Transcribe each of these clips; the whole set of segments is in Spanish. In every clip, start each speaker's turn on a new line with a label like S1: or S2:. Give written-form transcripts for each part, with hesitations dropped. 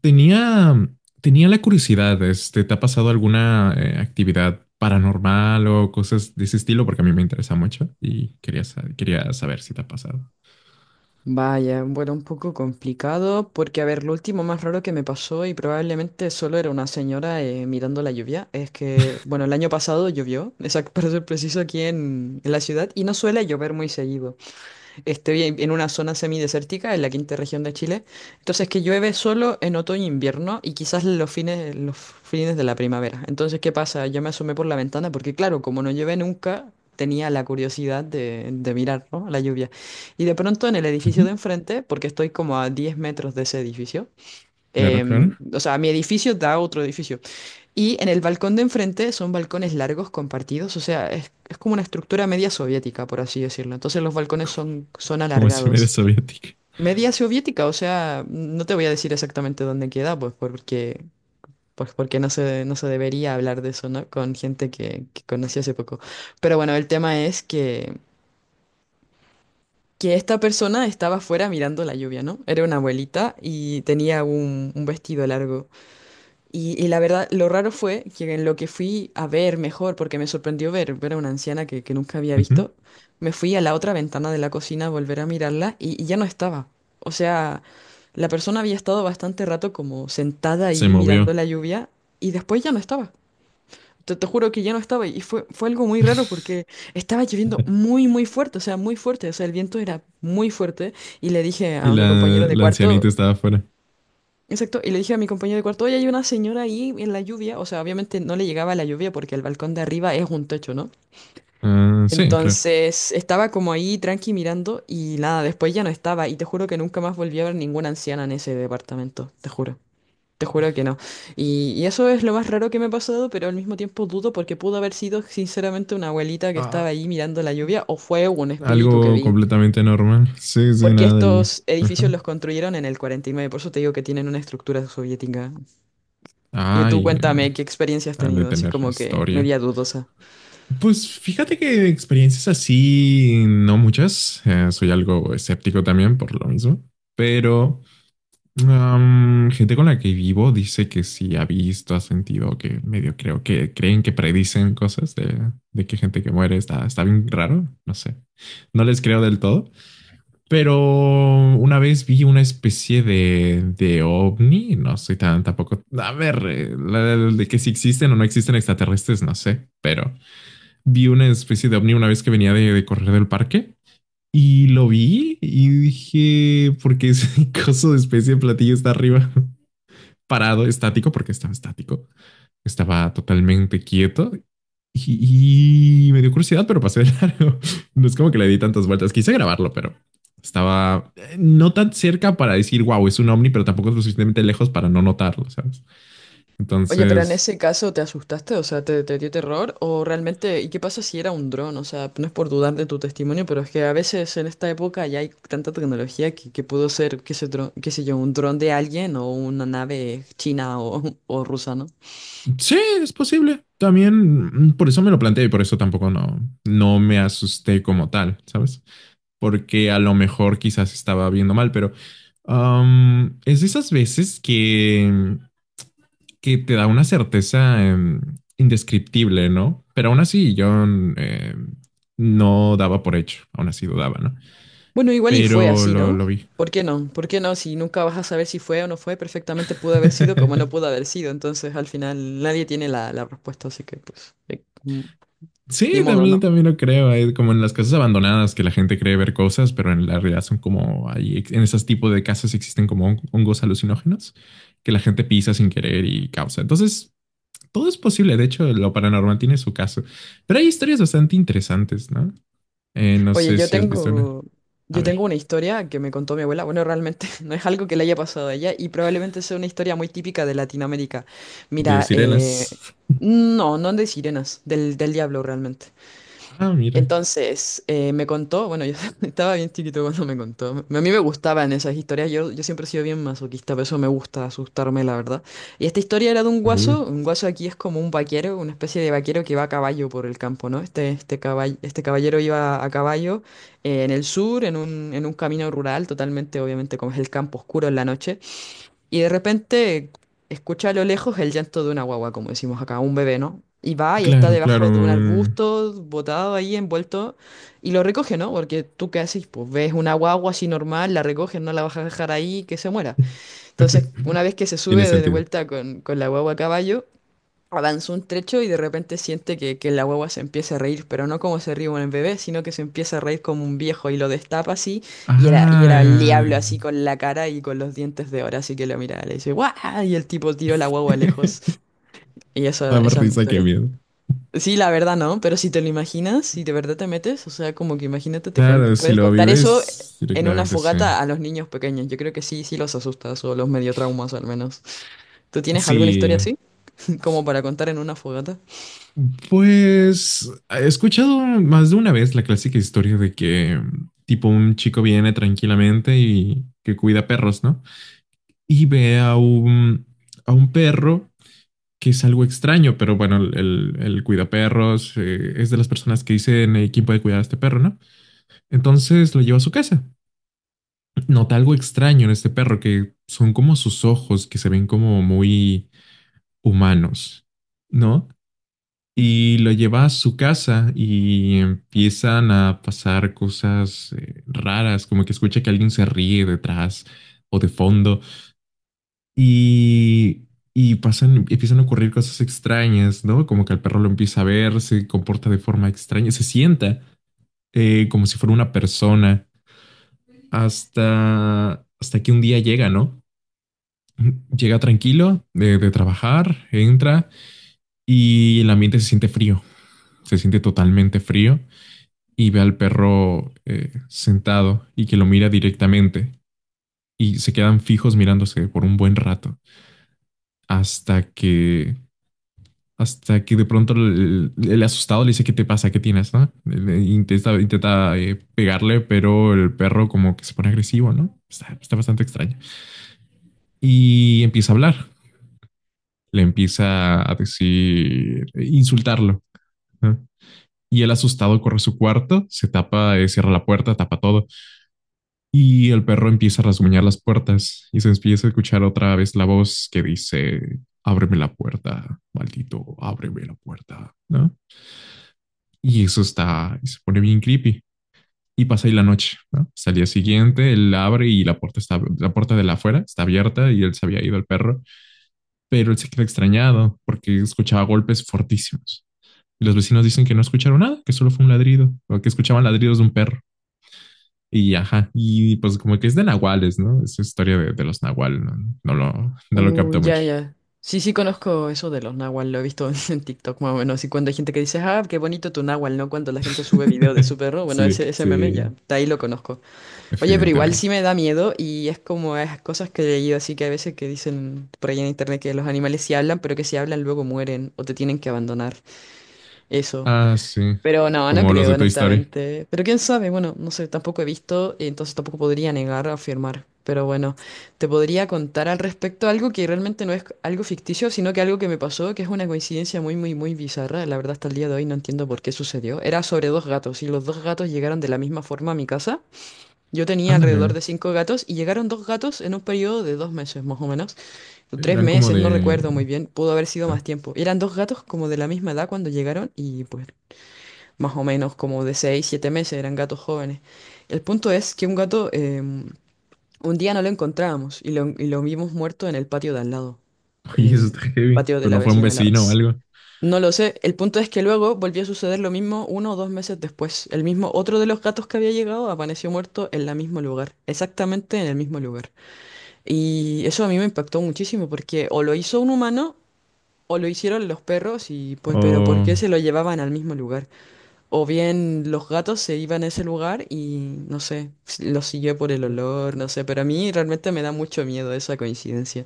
S1: Tenía, tenía la curiosidad, ¿te ha pasado alguna actividad paranormal o cosas de ese estilo? Porque a mí me interesa mucho y quería saber si te ha pasado.
S2: Vaya, bueno, un poco complicado porque, a ver, lo último más raro que me pasó y probablemente solo era una señora mirando la lluvia, es que, bueno, el año pasado llovió, exacto, para ser preciso, aquí en la ciudad y no suele llover muy seguido. Estoy en una zona semidesértica, en la quinta región de Chile. Entonces que llueve solo en otoño e invierno y quizás los fines de la primavera. Entonces, ¿qué pasa? Yo me asomé por la ventana porque, claro, como no llueve nunca, tenía la curiosidad de mirar, ¿no?, la lluvia. Y de pronto en el edificio
S1: Ujú.
S2: de enfrente, porque estoy como a 10 metros de ese edificio.
S1: Claro, claro.
S2: O sea, mi edificio da a otro edificio. Y en el balcón de enfrente son balcones largos compartidos, o sea, es como una estructura media soviética, por así decirlo. Entonces los balcones son
S1: Como si me era
S2: alargados.
S1: soviética.
S2: Media soviética, o sea, no te voy a decir exactamente dónde queda, pues porque, no se, debería hablar de eso, ¿no? Con gente que conocí hace poco. Pero bueno, el tema es que esta persona estaba afuera mirando la lluvia, ¿no? Era una abuelita y tenía un vestido largo. Y la verdad, lo raro fue que en lo que fui a ver mejor, porque me sorprendió ver a una anciana que nunca había
S1: Ujú.
S2: visto, me fui a la otra ventana de la cocina a volver a mirarla y ya no estaba. O sea, la persona había estado bastante rato como sentada
S1: Se
S2: ahí mirando
S1: movió.
S2: la lluvia y después ya no estaba. Te juro que ya no estaba y fue algo muy raro porque estaba lloviendo muy, muy fuerte, o sea, muy fuerte, o sea, el viento era muy fuerte y le dije
S1: Y
S2: a mi compañero de
S1: la
S2: cuarto.
S1: ancianita estaba afuera.
S2: Exacto, y le dije a mi compañero de cuarto, oye, hay una señora ahí en la lluvia, o sea, obviamente no le llegaba la lluvia porque el balcón de arriba es un techo, ¿no?
S1: Ah, sí, claro.
S2: Entonces estaba como ahí tranqui mirando y nada, después ya no estaba y te juro que nunca más volví a ver ninguna anciana en ese departamento, te juro que no. Y eso es lo más raro que me ha pasado, pero al mismo tiempo dudo porque pudo haber sido sinceramente una abuelita que estaba ahí mirando la lluvia o fue un
S1: Claro.
S2: espíritu que
S1: Algo
S2: vi.
S1: completamente normal. Sí, sí,
S2: Porque
S1: nada del.
S2: estos edificios
S1: Ajá.
S2: los construyeron en el 49, por eso te digo que tienen una estructura soviética. Y tú
S1: Ay, ah,
S2: cuéntame qué experiencia has
S1: han de
S2: tenido, así
S1: tener
S2: como que
S1: historia.
S2: media dudosa.
S1: Pues fíjate que experiencias así, no muchas. Soy algo escéptico también por lo mismo. Pero gente con la que vivo dice que sí ha visto, ha sentido que medio creo que creen que predicen cosas de que gente que muere está, está bien raro. No sé. No les creo del todo. Pero una vez vi una especie de ovni, no soy tan tampoco, a ver, de que si existen o no existen extraterrestres, no sé, pero vi una especie de ovni una vez que venía de correr del parque y lo vi y dije, porque ese coso de especie de platillo está arriba, parado, estático, porque estaba estático, estaba totalmente quieto y me dio curiosidad, pero pasé de largo. No es como que le di tantas vueltas. Quise grabarlo, pero estaba no tan cerca para decir, wow, es un ovni, pero tampoco es lo suficientemente lejos para no notarlo, ¿sabes?
S2: Oye, pero en
S1: Entonces,
S2: ese caso te asustaste, o sea, te dio terror, o realmente, ¿y qué pasa si era un dron? O sea, no es por dudar de tu testimonio, pero es que a veces en esta época ya hay tanta tecnología que pudo ser, qué sé, qué sé yo, un dron de alguien o una nave china o, o rusa, ¿no?
S1: sí, es posible. También por eso me lo planteé y por eso tampoco no, no me asusté como tal, ¿sabes? Porque a lo mejor quizás estaba viendo mal, pero es de esas veces que te da una certeza indescriptible, ¿no? Pero aún así, yo eh, no daba por hecho, aún así dudaba, ¿no?
S2: Bueno, igual y fue
S1: Pero
S2: así, ¿no?
S1: lo vi.
S2: ¿Por qué no? ¿Por qué no? Si nunca vas a saber si fue o no fue, perfectamente pudo haber sido como no pudo haber sido, entonces al final nadie tiene la respuesta, así que pues, ni
S1: Sí,
S2: modo,
S1: también,
S2: ¿no?
S1: también lo creo. Hay como en las casas abandonadas que la gente cree ver cosas, pero en la realidad son como ahí, en esos tipos de casas existen como hongos alucinógenos que la gente pisa sin querer y causa. Entonces, todo es posible. De hecho, lo paranormal tiene su caso. Pero hay historias bastante interesantes, ¿no? No
S2: Oye,
S1: sé
S2: yo
S1: si has visto una.
S2: tengo,
S1: A
S2: yo tengo
S1: ver.
S2: una historia que me contó mi abuela. Bueno, realmente no es algo que le haya pasado a ella y probablemente sea una historia muy típica de Latinoamérica.
S1: De
S2: Mira,
S1: sirenas.
S2: no, no de sirenas, del diablo realmente.
S1: Ah, mira.
S2: Entonces, me contó, bueno, yo estaba bien chiquito cuando me contó. A mí me gustaban esas historias, yo siempre he sido bien masoquista, por eso me gusta asustarme, la verdad. Y esta historia era de
S1: Uy,
S2: un guaso aquí es como un vaquero, una especie de vaquero que va a caballo por el campo, ¿no? Este caballero iba a caballo en el sur, en un, camino rural, totalmente, obviamente, como es el campo oscuro en la noche. Y de repente escucha a lo lejos el llanto de una guagua, como decimos acá, un bebé, ¿no? Y va y está
S1: claro,
S2: debajo de un
S1: claro.
S2: arbusto, botado ahí, envuelto, y lo recoge, ¿no? Porque tú qué haces, pues ves una guagua así normal, la recoges, no la vas a dejar ahí, que se muera. Entonces, una vez que se
S1: Tiene
S2: sube de
S1: sentido.
S2: vuelta con la guagua a caballo, avanzó un trecho y de repente siente que la guagua se empieza a reír, pero no como se ríe un bebé, sino que se empieza a reír como un viejo y lo destapa así, y era el
S1: Ah,
S2: diablo así con la cara y con los dientes de oro, así que lo mira, le dice, ¡guau! Y el tipo tiró la guagua lejos. Y eso,
S1: daba
S2: esa es mi
S1: risa, qué
S2: historia.
S1: miedo.
S2: Sí, la verdad no, pero si te lo imaginas, si de verdad te metes, o sea, como que imagínate, te cuento,
S1: Claro, si
S2: puedes
S1: lo
S2: contar eso
S1: vives
S2: en una
S1: directamente, sí.
S2: fogata a los niños pequeños. Yo creo que sí, sí los asustas o los medio traumas al menos. ¿Tú tienes alguna historia
S1: Sí,
S2: así, como para contar en una fogata?
S1: pues he escuchado más de una vez la clásica historia de que tipo un chico viene tranquilamente y que cuida perros, ¿no? Y ve a a un perro que es algo extraño, pero bueno, el cuidaperros es de las personas que dicen quién puede cuidar a este perro, ¿no? Entonces lo lleva a su casa. Nota algo extraño en este perro, que son como sus ojos, que se ven como muy humanos, ¿no? Y lo lleva a su casa y empiezan a pasar cosas raras, como que escucha que alguien se ríe detrás o de fondo. Y, y pasan, empiezan a ocurrir cosas extrañas, ¿no? Como que el perro lo empieza a ver, se comporta de forma extraña, se sienta como si fuera una persona, hasta, hasta que un día llega, ¿no? Llega tranquilo de trabajar, entra y el ambiente se siente frío, se siente totalmente frío y ve al perro sentado y que lo mira directamente y se quedan fijos mirándose por un buen rato hasta que hasta que de pronto el asustado le dice, ¿qué te pasa? ¿Qué tienes? ¿No? Le intenta, intenta pegarle, pero el perro como que se pone agresivo, ¿no? Está, está bastante extraño. Y empieza a hablar, le empieza a decir, insultarlo, ¿no? Y el asustado corre a su cuarto, se tapa, cierra la puerta, tapa todo. Y el perro empieza a rasguñar las puertas y se empieza a escuchar otra vez la voz que dice, ábreme la puerta, maldito, ábreme la puerta, ¿no? Y eso está, se pone bien creepy. Y pasa ahí la noche, ¿no? Hasta el día siguiente, él abre y la puerta, está, la puerta de la afuera está abierta y él se había ido el perro, pero él se queda extrañado porque escuchaba golpes fortísimos. Y los vecinos dicen que no escucharon nada, que solo fue un ladrido, o que escuchaban ladridos de un perro. Y ajá, y pues como que es de nahuales, ¿no? Es historia de los nahuales, ¿no? No lo, no lo capta
S2: Ya,
S1: mucho.
S2: ya. Sí, sí conozco eso de los náhuatl, lo he visto en TikTok más o menos. Y cuando hay gente que dice, ah, qué bonito tu náhuatl, ¿no? Cuando la gente sube video de su perro, bueno,
S1: sí,
S2: ese meme
S1: sí,
S2: ya, de ahí lo conozco. Oye, pero igual sí
S1: evidentemente.
S2: me da miedo y es como esas cosas que he leído así que a veces que dicen por ahí en internet que los animales sí hablan, pero que si hablan luego mueren o te tienen que abandonar. Eso.
S1: Ah, sí,
S2: Pero no, no
S1: como los
S2: creo,
S1: de Toy Story.
S2: honestamente. Pero quién sabe, bueno, no sé, tampoco he visto, y entonces tampoco podría negar o afirmar. Pero bueno, te podría contar al respecto algo que realmente no es algo ficticio, sino que algo que me pasó, que es una coincidencia muy, muy, muy bizarra. La verdad, hasta el día de hoy no entiendo por qué sucedió. Era sobre dos gatos, y los dos gatos llegaron de la misma forma a mi casa. Yo tenía
S1: Ándale.
S2: alrededor de cinco gatos, y llegaron dos gatos en un periodo de 2 meses, más o menos. O tres
S1: Eran como
S2: meses, no
S1: de.
S2: recuerdo muy bien, pudo haber sido más tiempo. Eran dos gatos como de la misma edad cuando llegaron, y pues más o menos como de 6 7 meses, eran gatos jóvenes. El punto es que un gato, un día no lo encontrábamos y lo vimos muerto en el patio de al lado,
S1: Oye, eso
S2: eh,
S1: está heavy.
S2: patio de
S1: Pero
S2: la
S1: no fue un
S2: vecina de al lado.
S1: vecino o algo.
S2: No lo sé, el punto es que luego volvió a suceder lo mismo uno o dos meses después. El mismo, otro de los gatos que había llegado apareció muerto en el mismo lugar, exactamente en el mismo lugar. Y eso a mí me impactó muchísimo porque o lo hizo un humano o lo hicieron los perros y pues, pero ¿por
S1: O
S2: qué se lo llevaban al mismo lugar? O bien los gatos se iban a ese lugar y no sé, si los siguió por el olor, no sé, pero a mí realmente me da mucho miedo esa coincidencia,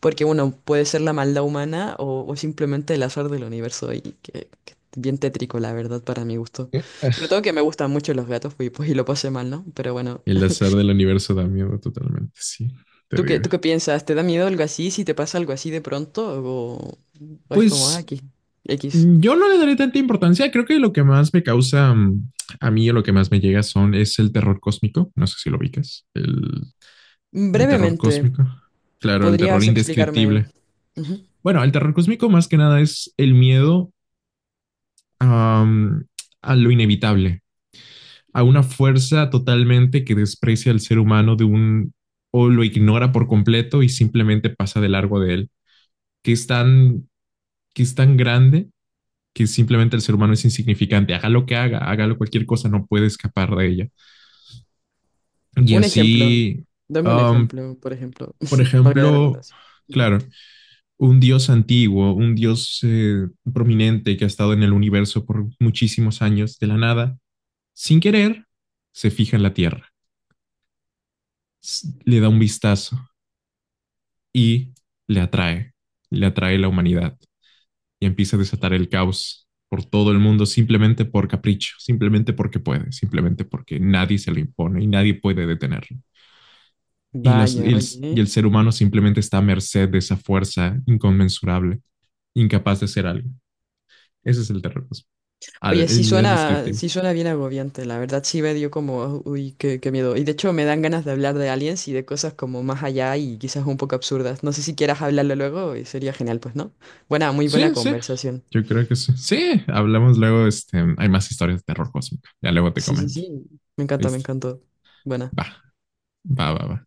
S2: porque bueno, puede ser la maldad humana o simplemente el azar del universo y que bien tétrico, la verdad, para mi gusto. Sobre todo que me gustan mucho los gatos pues, y lo pasé mal, ¿no? Pero bueno,
S1: el azar del universo da miedo totalmente. Sí, te
S2: ¿tú qué,
S1: digo.
S2: tú qué piensas? ¿Te da miedo algo así si te pasa algo así de pronto o es como, ah,
S1: Pues
S2: aquí, X?
S1: yo no le daré tanta importancia. Creo que lo que más me causa a mí o lo que más me llega son es el terror cósmico. No sé si lo ubicas. El terror
S2: Brevemente,
S1: cósmico. Claro, el terror
S2: ¿podrías explicarme?
S1: indescriptible.
S2: Ujú.
S1: Bueno, el terror cósmico más que nada es el miedo a a lo inevitable, a una fuerza totalmente que desprecia al ser humano de un o lo ignora por completo y simplemente pasa de largo de él, que es tan, que es tan grande que simplemente el ser humano es insignificante, haga lo que haga, hágalo cualquier cosa, no puede escapar de ella. Y
S2: Un ejemplo.
S1: así,
S2: Dame un
S1: um,
S2: ejemplo, por ejemplo,
S1: por
S2: para que haya
S1: ejemplo,
S2: redundancia. Ujú.
S1: claro, un dios antiguo, un dios prominente que ha estado en el universo por muchísimos años, de la nada, sin querer, se fija en la Tierra, le da un vistazo y le atrae, le atrae la humanidad y empieza a desatar el caos por todo el mundo simplemente por capricho, simplemente porque puede, simplemente porque nadie se lo impone y nadie puede detenerlo. Y, las,
S2: Vaya,
S1: y
S2: oye.
S1: el ser humano simplemente está a merced de esa fuerza inconmensurable, incapaz de hacer algo. Ese es el terrorismo,
S2: Oye,
S1: al, el
S2: sí
S1: miedo al
S2: suena,
S1: descriptivo.
S2: sí suena bien agobiante, la verdad sí me dio como, uy, qué miedo. Y de hecho me dan ganas de hablar de aliens y de cosas como más allá y quizás un poco absurdas. No sé si quieras hablarlo luego y sería genial, pues, ¿no? Buena, muy buena
S1: Sí, sí,
S2: conversación.
S1: yo creo que sí. Sí, hablamos luego, este, hay más historias de terror cósmico. Ya luego te
S2: Sí, sí,
S1: comento.
S2: sí. Me encanta, me
S1: Listo.
S2: encantó. Buena.
S1: Va, va, va, va.